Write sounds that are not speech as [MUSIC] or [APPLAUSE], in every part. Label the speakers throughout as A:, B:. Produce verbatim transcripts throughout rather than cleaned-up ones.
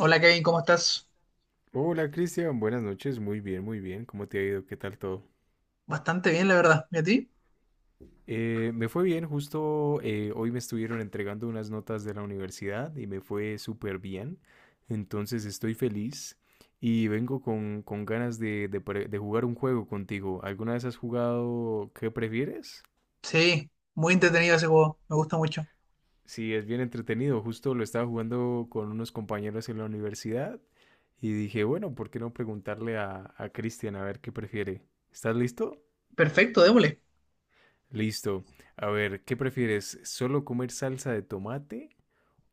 A: Hola Kevin, ¿cómo estás?
B: Hola Cristian, buenas noches, muy bien, muy bien, ¿cómo te ha ido? ¿Qué tal todo?
A: Bastante bien, la verdad. ¿Y a ti?
B: Eh, me fue bien, justo eh, hoy me estuvieron entregando unas notas de la universidad y me fue súper bien, entonces estoy feliz y vengo con, con ganas de, de pre- de jugar un juego contigo. ¿Alguna vez has jugado qué prefieres?
A: Sí, muy entretenido ese juego, me gusta mucho.
B: Sí, es bien entretenido, justo lo estaba jugando con unos compañeros en la universidad y dije, bueno, ¿por qué no preguntarle a, a Cristian a ver qué prefiere? ¿Estás listo?
A: Perfecto, démosle.
B: Listo. A ver, ¿qué prefieres? ¿Solo comer salsa de tomate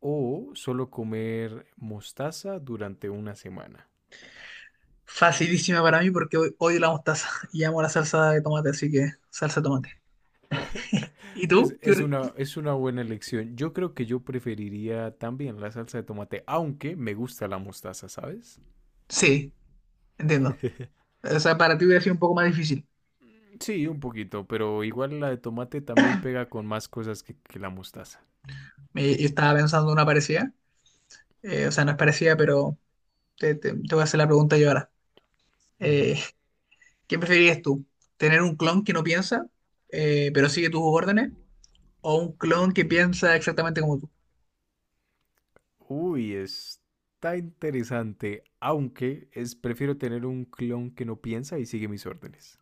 B: o solo comer mostaza durante una semana?
A: Facilísima para mí porque hoy odio la mostaza [LAUGHS] y amo la salsa de tomate, así que salsa de tomate. ¿Y tú?
B: Pues es
A: ¿Qué
B: una, es una buena elección. Yo creo que yo preferiría también la salsa de tomate, aunque me gusta la mostaza, ¿sabes?
A: Sí, entiendo.
B: [LAUGHS]
A: O sea, para ti hubiera sido un poco más difícil.
B: Sí, un poquito, pero igual la de tomate también pega con más cosas que, que la mostaza.
A: Me- yo estaba pensando en una parecida, eh, o sea, no es parecida, pero te, te- te voy a hacer la pregunta yo ahora. Eh,
B: Ujú.
A: ¿qué preferirías tú? ¿Tener un clon que no piensa, eh, pero sigue tus órdenes? ¿O un clon que piensa exactamente como tú?
B: Uy, está interesante, aunque es prefiero tener un clon que no piensa y sigue mis órdenes.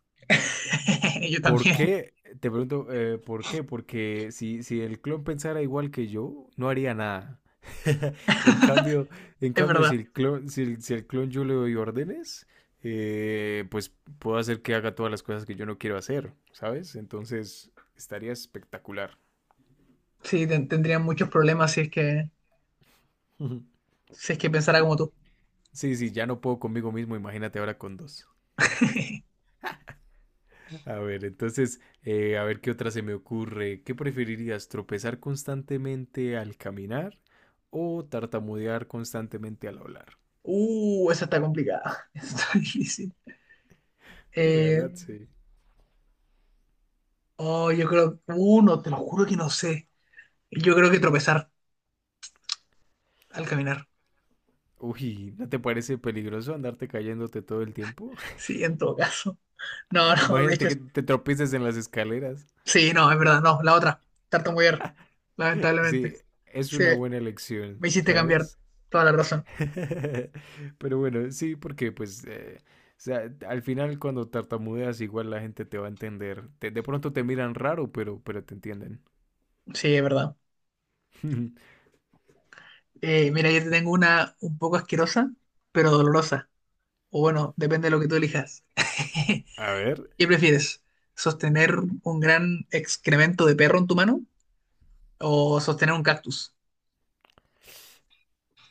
A: [LAUGHS] Yo
B: ¿Por
A: también,
B: qué? Te pregunto, eh, ¿por qué? Porque si, si el clon pensara igual que yo, no haría nada. [LAUGHS] En cambio, en
A: es
B: cambio, si
A: verdad.
B: el clon, si el, si el clon yo le doy órdenes, eh, pues puedo hacer que haga todas las cosas que yo no quiero hacer, ¿sabes? Entonces, estaría espectacular.
A: Sí, ten- tendría muchos problemas si es que,
B: [LAUGHS]
A: si es que pensara como tú.
B: Sí, sí, ya no puedo conmigo mismo, imagínate ahora con dos.
A: [LAUGHS]
B: A ver, entonces, eh, a ver qué otra se me ocurre. ¿Qué preferirías, tropezar constantemente al caminar o tartamudear constantemente al hablar?
A: Uh, esa está complicada. [LAUGHS] Esa está difícil.
B: Eh, La
A: Eh,
B: verdad, sí.
A: oh, yo creo, uno te lo juro que no sé. Yo creo que tropezar al caminar.
B: Uy, ¿no te parece peligroso andarte cayéndote todo el tiempo?
A: Sí, en todo caso. No, [LAUGHS]
B: [LAUGHS]
A: no, de
B: Imagínate
A: hecho,
B: que te tropieces en las escaleras.
A: sí, no, es verdad, no, la otra, tartamudear, lamentablemente.
B: Sí, es
A: Sí,
B: una buena elección,
A: me hiciste cambiar
B: ¿sabes?
A: toda la razón.
B: [LAUGHS] Pero bueno, sí, porque pues, eh, o sea, al final cuando tartamudeas igual la gente te va a entender. Te- de pronto te miran raro, pero, pero te entienden.
A: Sí, es verdad.
B: [LAUGHS]
A: Eh, mira, yo te tengo una un poco asquerosa, pero dolorosa. O bueno, depende de lo que tú elijas. [LAUGHS]
B: A ver,
A: ¿Qué prefieres? ¿Sostener un gran excremento de perro en tu mano o sostener un cactus?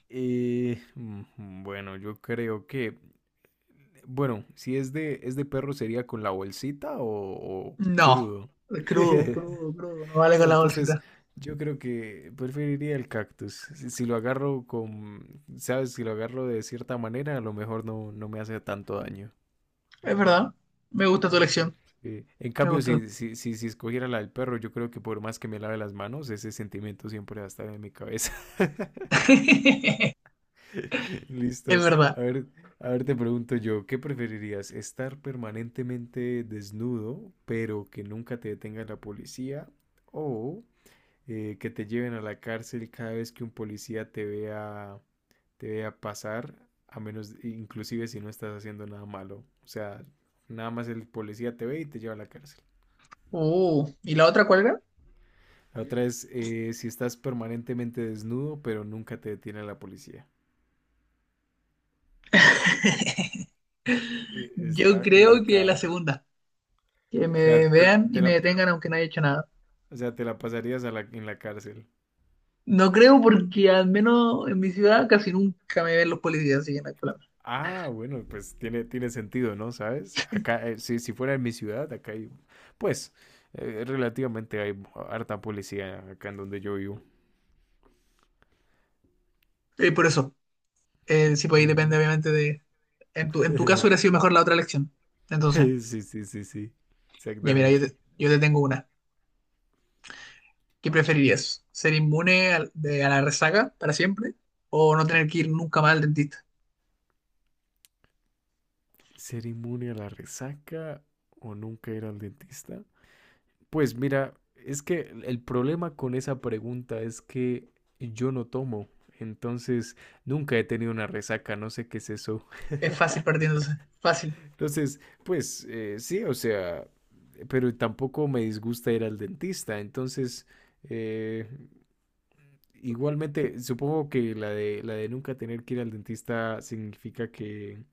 B: eh, mm, bueno, yo creo que, bueno, si es de, es de perro sería con la bolsita o, o
A: No,
B: crudo.
A: crudo,
B: [LAUGHS]
A: crudo, crudo, no vale
B: No,
A: con la
B: entonces
A: bolsita.
B: yo creo que preferiría el cactus. Si, si lo agarro con, sabes, si lo agarro de cierta manera, a lo mejor no, no me hace tanto daño.
A: Es verdad, me gusta tu elección,
B: Sí. En
A: me
B: cambio,
A: gustó.
B: si, si, si, si escogiera la del perro, yo creo que por más que me lave las manos, ese sentimiento siempre va a estar en mi cabeza.
A: [LAUGHS]
B: [LAUGHS]
A: Es
B: Listo.
A: verdad.
B: A ver, a ver, te pregunto yo, ¿qué preferirías? ¿Estar permanentemente desnudo, pero que nunca te detenga la policía? ¿O eh, que te lleven a la cárcel cada vez que un policía te vea, te vea pasar, a menos, inclusive si no estás haciendo nada malo? O sea, nada más el policía te ve y te lleva a la cárcel.
A: Uh, ¿y la otra cuál era?
B: La otra es eh, si estás permanentemente desnudo, pero nunca te detiene la policía.
A: [LAUGHS]
B: Eh,
A: Yo
B: Está
A: creo que la
B: complicada.
A: segunda, que
B: O sea,
A: me
B: te,
A: vean y
B: te
A: me
B: la,
A: detengan aunque no haya hecho nada.
B: O sea, te la pasarías a la, en la cárcel.
A: No creo porque al menos en mi ciudad casi nunca me ven los policías, así que no hay problema.
B: Ah, bueno, pues tiene, tiene sentido, ¿no? ¿Sabes? Acá, eh, si, si fuera en mi ciudad, acá hay, pues, eh, relativamente hay harta policía acá en donde yo vivo.
A: Y por eso. Eh, sí, pues ahí depende,
B: Ujú.
A: obviamente, de. En tu, en tu caso hubiera
B: [LAUGHS]
A: sido mejor la otra elección. Entonces,
B: Sí, sí, sí, sí,
A: ya mira, yo
B: exactamente.
A: te, yo te tengo una. ¿Qué preferirías? ¿Ser inmune al- de- a la resaca para siempre? ¿O no tener que ir nunca más al dentista?
B: ¿Ser inmune a la resaca o nunca ir al dentista? Pues mira, es que el el problema con esa pregunta es que yo no tomo, entonces nunca he tenido una resaca, no sé qué es eso.
A: Es fácil
B: [LAUGHS]
A: partiéndose. Fácil.
B: Entonces, pues eh, sí, o sea, pero tampoco me disgusta ir al dentista. Entonces, eh, igualmente, supongo que la de, la de nunca tener que ir al dentista significa que,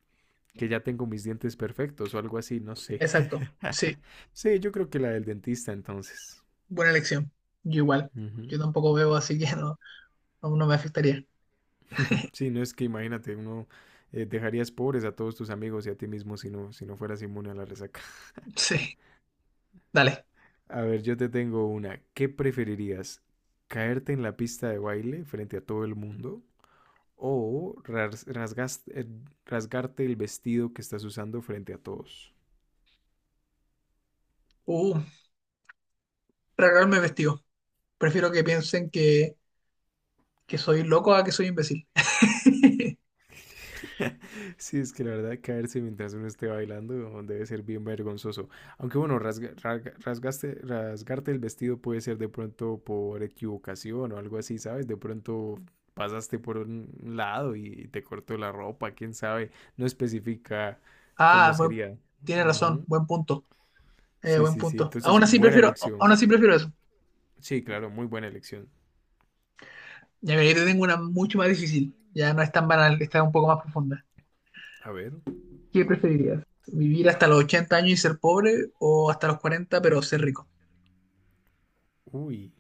B: que ya tengo mis dientes perfectos o algo así, no sé.
A: Exacto. Sí,
B: [LAUGHS] Sí, yo creo que la del dentista entonces.
A: buena elección. Yo igual.
B: Ujú.
A: Yo tampoco veo, así que no, no, no me afectaría.
B: [LAUGHS] Sí, no es que imagínate, uno eh, dejarías pobres a todos tus amigos y a ti mismo si no, si no fueras inmune a la resaca.
A: Sí, dale.
B: A ver, yo te tengo una. ¿Qué preferirías? ¿Caerte en la pista de baile frente a todo el mundo? ¿O ras- rasgas- eh, rasgarte el vestido que estás usando frente a todos?
A: Uh, regalarme vestido. Prefiero que piensen que, que soy loco a que soy imbécil. [LAUGHS]
B: [LAUGHS] Sí, es que la verdad caerse mientras uno esté bailando debe ser bien vergonzoso. Aunque bueno, rasga- rasga- rasgaste- rasgarte el vestido puede ser de pronto por equivocación o algo así, ¿sabes? De pronto pasaste por un lado y te cortó la ropa, quién sabe. No especifica cómo
A: Ah, buen-
B: sería.
A: tienes razón.
B: Ujú.
A: Buen punto. Eh,
B: Sí,
A: buen
B: sí, sí.
A: punto.
B: Entonces,
A: Aún así
B: buena
A: prefiero,
B: elección.
A: aún así prefiero eso.
B: Sí, claro, muy buena elección.
A: Ya mira, yo te tengo una mucho más difícil. Ya no es tan banal, está un poco más profunda.
B: A ver.
A: ¿Qué preferirías? ¿Vivir hasta los ochenta años y ser pobre o hasta los cuarenta pero ser rico?
B: Uy,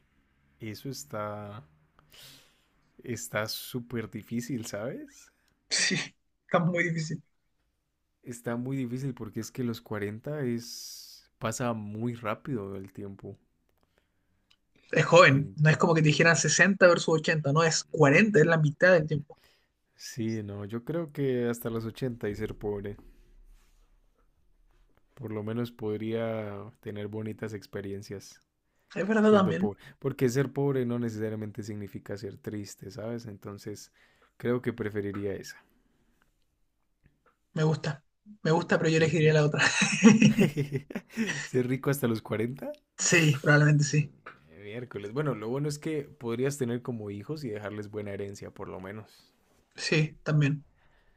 B: eso está, está súper difícil, ¿sabes?
A: Sí, está muy difícil.
B: Está muy difícil porque es que los cuarenta es... Pasa muy rápido el tiempo.
A: Es joven, no es
B: Ento-
A: como que te dijeran sesenta versus ochenta no, es cuarenta es la mitad del tiempo.
B: sí, no, yo creo que hasta los ochenta y ser pobre. Por lo menos podría tener bonitas experiencias
A: Es verdad
B: siendo
A: también,
B: pobre. Porque ser pobre no necesariamente significa ser triste, ¿sabes? Entonces, creo que preferiría esa.
A: me gusta. Me gusta, pero yo elegiría
B: Ujú.
A: la otra. [LAUGHS]
B: [LAUGHS] Ser rico hasta los cuarenta.
A: Sí, probablemente sí.
B: Mm, miércoles. Bueno, lo bueno es que podrías tener como hijos y dejarles buena herencia, por lo menos.
A: Sí, también.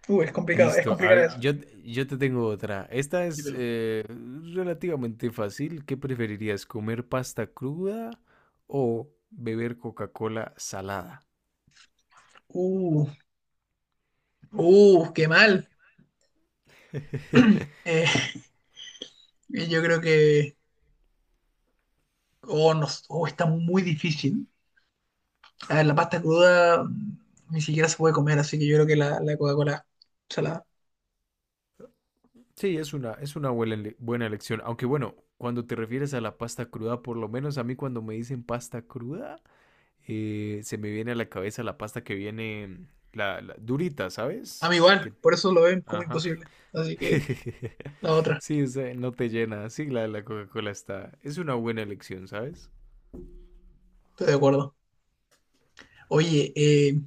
A: Uh, es complicado, es
B: Listo. A
A: complicado
B: ver,
A: eso.
B: yo, yo te tengo otra. Esta es
A: Dímelo.
B: eh, relativamente fácil. ¿Qué preferirías, comer pasta cruda o beber Coca-Cola salada?
A: Uh, uh, qué mal.
B: [LAUGHS]
A: Eh, Y Yo creo que oh, no, oh, está muy difícil. A ver, la pasta cruda mm, ni siquiera se puede comer, así que yo creo que la, la Coca-Cola salada.
B: Sí, es una, es una buena, ele- buena elección. Aunque bueno, cuando te refieres a la pasta cruda, por lo menos a mí cuando me dicen pasta cruda, eh, se me viene a la cabeza la pasta que viene, la, la durita,
A: A
B: ¿sabes?
A: mí igual,
B: Que,
A: por eso lo ven como
B: ajá.
A: imposible. Así que
B: [LAUGHS]
A: la otra,
B: Sí, o sea, no te llena. Sí, la de la Coca-Cola está. Es una buena elección, ¿sabes?
A: estoy de acuerdo. Oye, eh,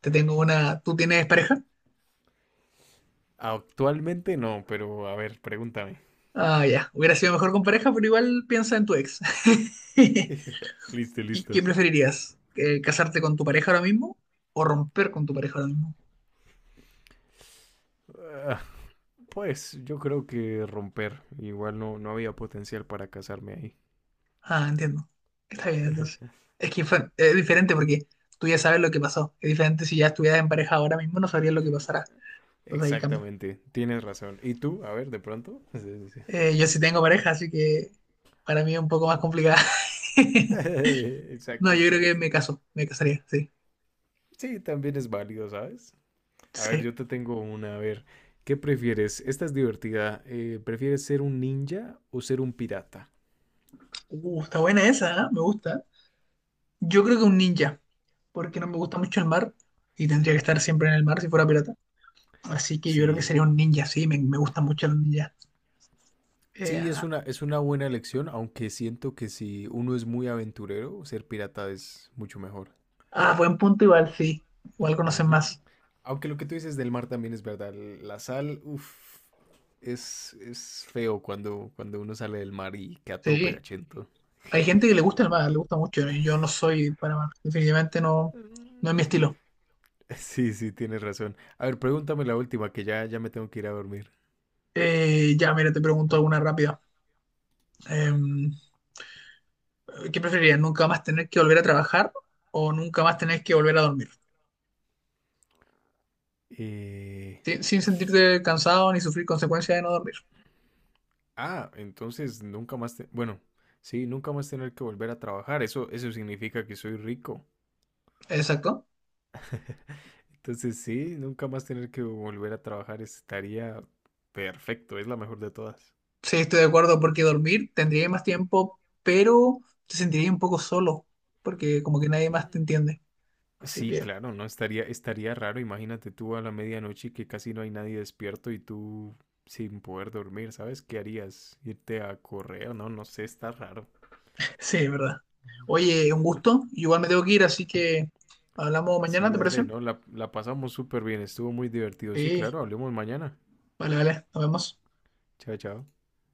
A: te tengo una. ¿Tú tienes pareja?
B: Actualmente no, pero a ver, pregúntame.
A: Ah, ya. Hubiera sido mejor con pareja, pero igual piensa en tu ex. [LAUGHS]
B: Listo,
A: ¿Y ¿Qué
B: listo.
A: preferirías? ¿Eh, ¿Casarte con tu pareja ahora mismo o romper con tu pareja ahora mismo?
B: Ah, pues yo creo que romper. Igual no, no había potencial para casarme ahí.
A: Ah, entiendo. Está bien, entonces. Es que fue- es diferente porque tú ya sabes lo que pasó. Es diferente si ya estuvieras en pareja ahora mismo, no sabrías lo que pasará. Entonces ahí cambia.
B: Exactamente, tienes razón. ¿Y tú? A ver, de pronto. [LAUGHS] Sí, sí, sí.
A: Eh, yo sí tengo pareja, así que para mí es un poco más complicada.
B: [LAUGHS]
A: [LAUGHS] No,
B: Exacto,
A: yo creo que
B: exacto.
A: me caso, me casaría, sí.
B: Sí, también es válido, ¿sabes? A ver,
A: Sí.
B: yo te tengo una. A ver, ¿qué prefieres? Esta es divertida. Eh, ¿prefieres ser un ninja o ser un pirata?
A: Uh, está buena esa, ¿eh? Me gusta. Yo creo que un ninja, porque no me gusta mucho el mar y tendría que estar siempre en el mar si fuera pirata. Así que yo creo que
B: Sí,
A: sería un ninja, sí, me, me gustan mucho los ninjas. Eh,
B: sí, es
A: ah,
B: una, es una buena elección, aunque siento que si uno es muy aventurero, ser pirata es mucho mejor.
A: ah, buen punto igual, sí. Igual conocen
B: Ujú.
A: más.
B: Aunque lo que tú dices del mar también es verdad. La sal, uff, es, es feo cuando, cuando uno sale del mar y queda
A: Sí,
B: todo
A: sí.
B: pegachento.
A: Hay gente que le gusta el mar, le gusta mucho. Yo no soy para mar, definitivamente no, no
B: Mm.
A: es mi
B: [LAUGHS]
A: estilo.
B: Sí, sí, tienes razón. A ver, pregúntame la última, que ya, ya me tengo que ir a dormir.
A: Eh, ya, mira, te pregunto alguna rápida. Eh, ¿qué preferirías? ¿Nunca más tener que volver a trabajar o nunca más tener que volver a dormir?
B: Eh,
A: Sin sin sentirte cansado ni sufrir consecuencias de no dormir.
B: Ah, entonces nunca más... te- bueno, sí, nunca más tener que volver a trabajar. Eso, eso significa que soy rico.
A: Exacto.
B: Entonces sí, nunca más tener que volver a trabajar estaría perfecto, es la mejor de todas.
A: Sí, estoy de acuerdo porque dormir tendría más tiempo, pero te sentiría un poco solo porque como que nadie más te entiende. Así
B: Sí,
A: que
B: claro, no, estaría, estaría raro, imagínate tú a la medianoche que casi no hay nadie despierto y tú sin poder dormir, ¿sabes? ¿Qué harías? ¿Irte a correr? No, no sé, está raro.
A: sí, es verdad. Oye, un gusto. Igual me tengo que ir, así que hablamos mañana,
B: Sí,
A: ¿te parece?
B: dale, no, la, la pasamos súper bien, estuvo muy divertido. Sí,
A: Sí,
B: claro, hablemos mañana.
A: vale, vale, nos vemos.
B: Chao, chao.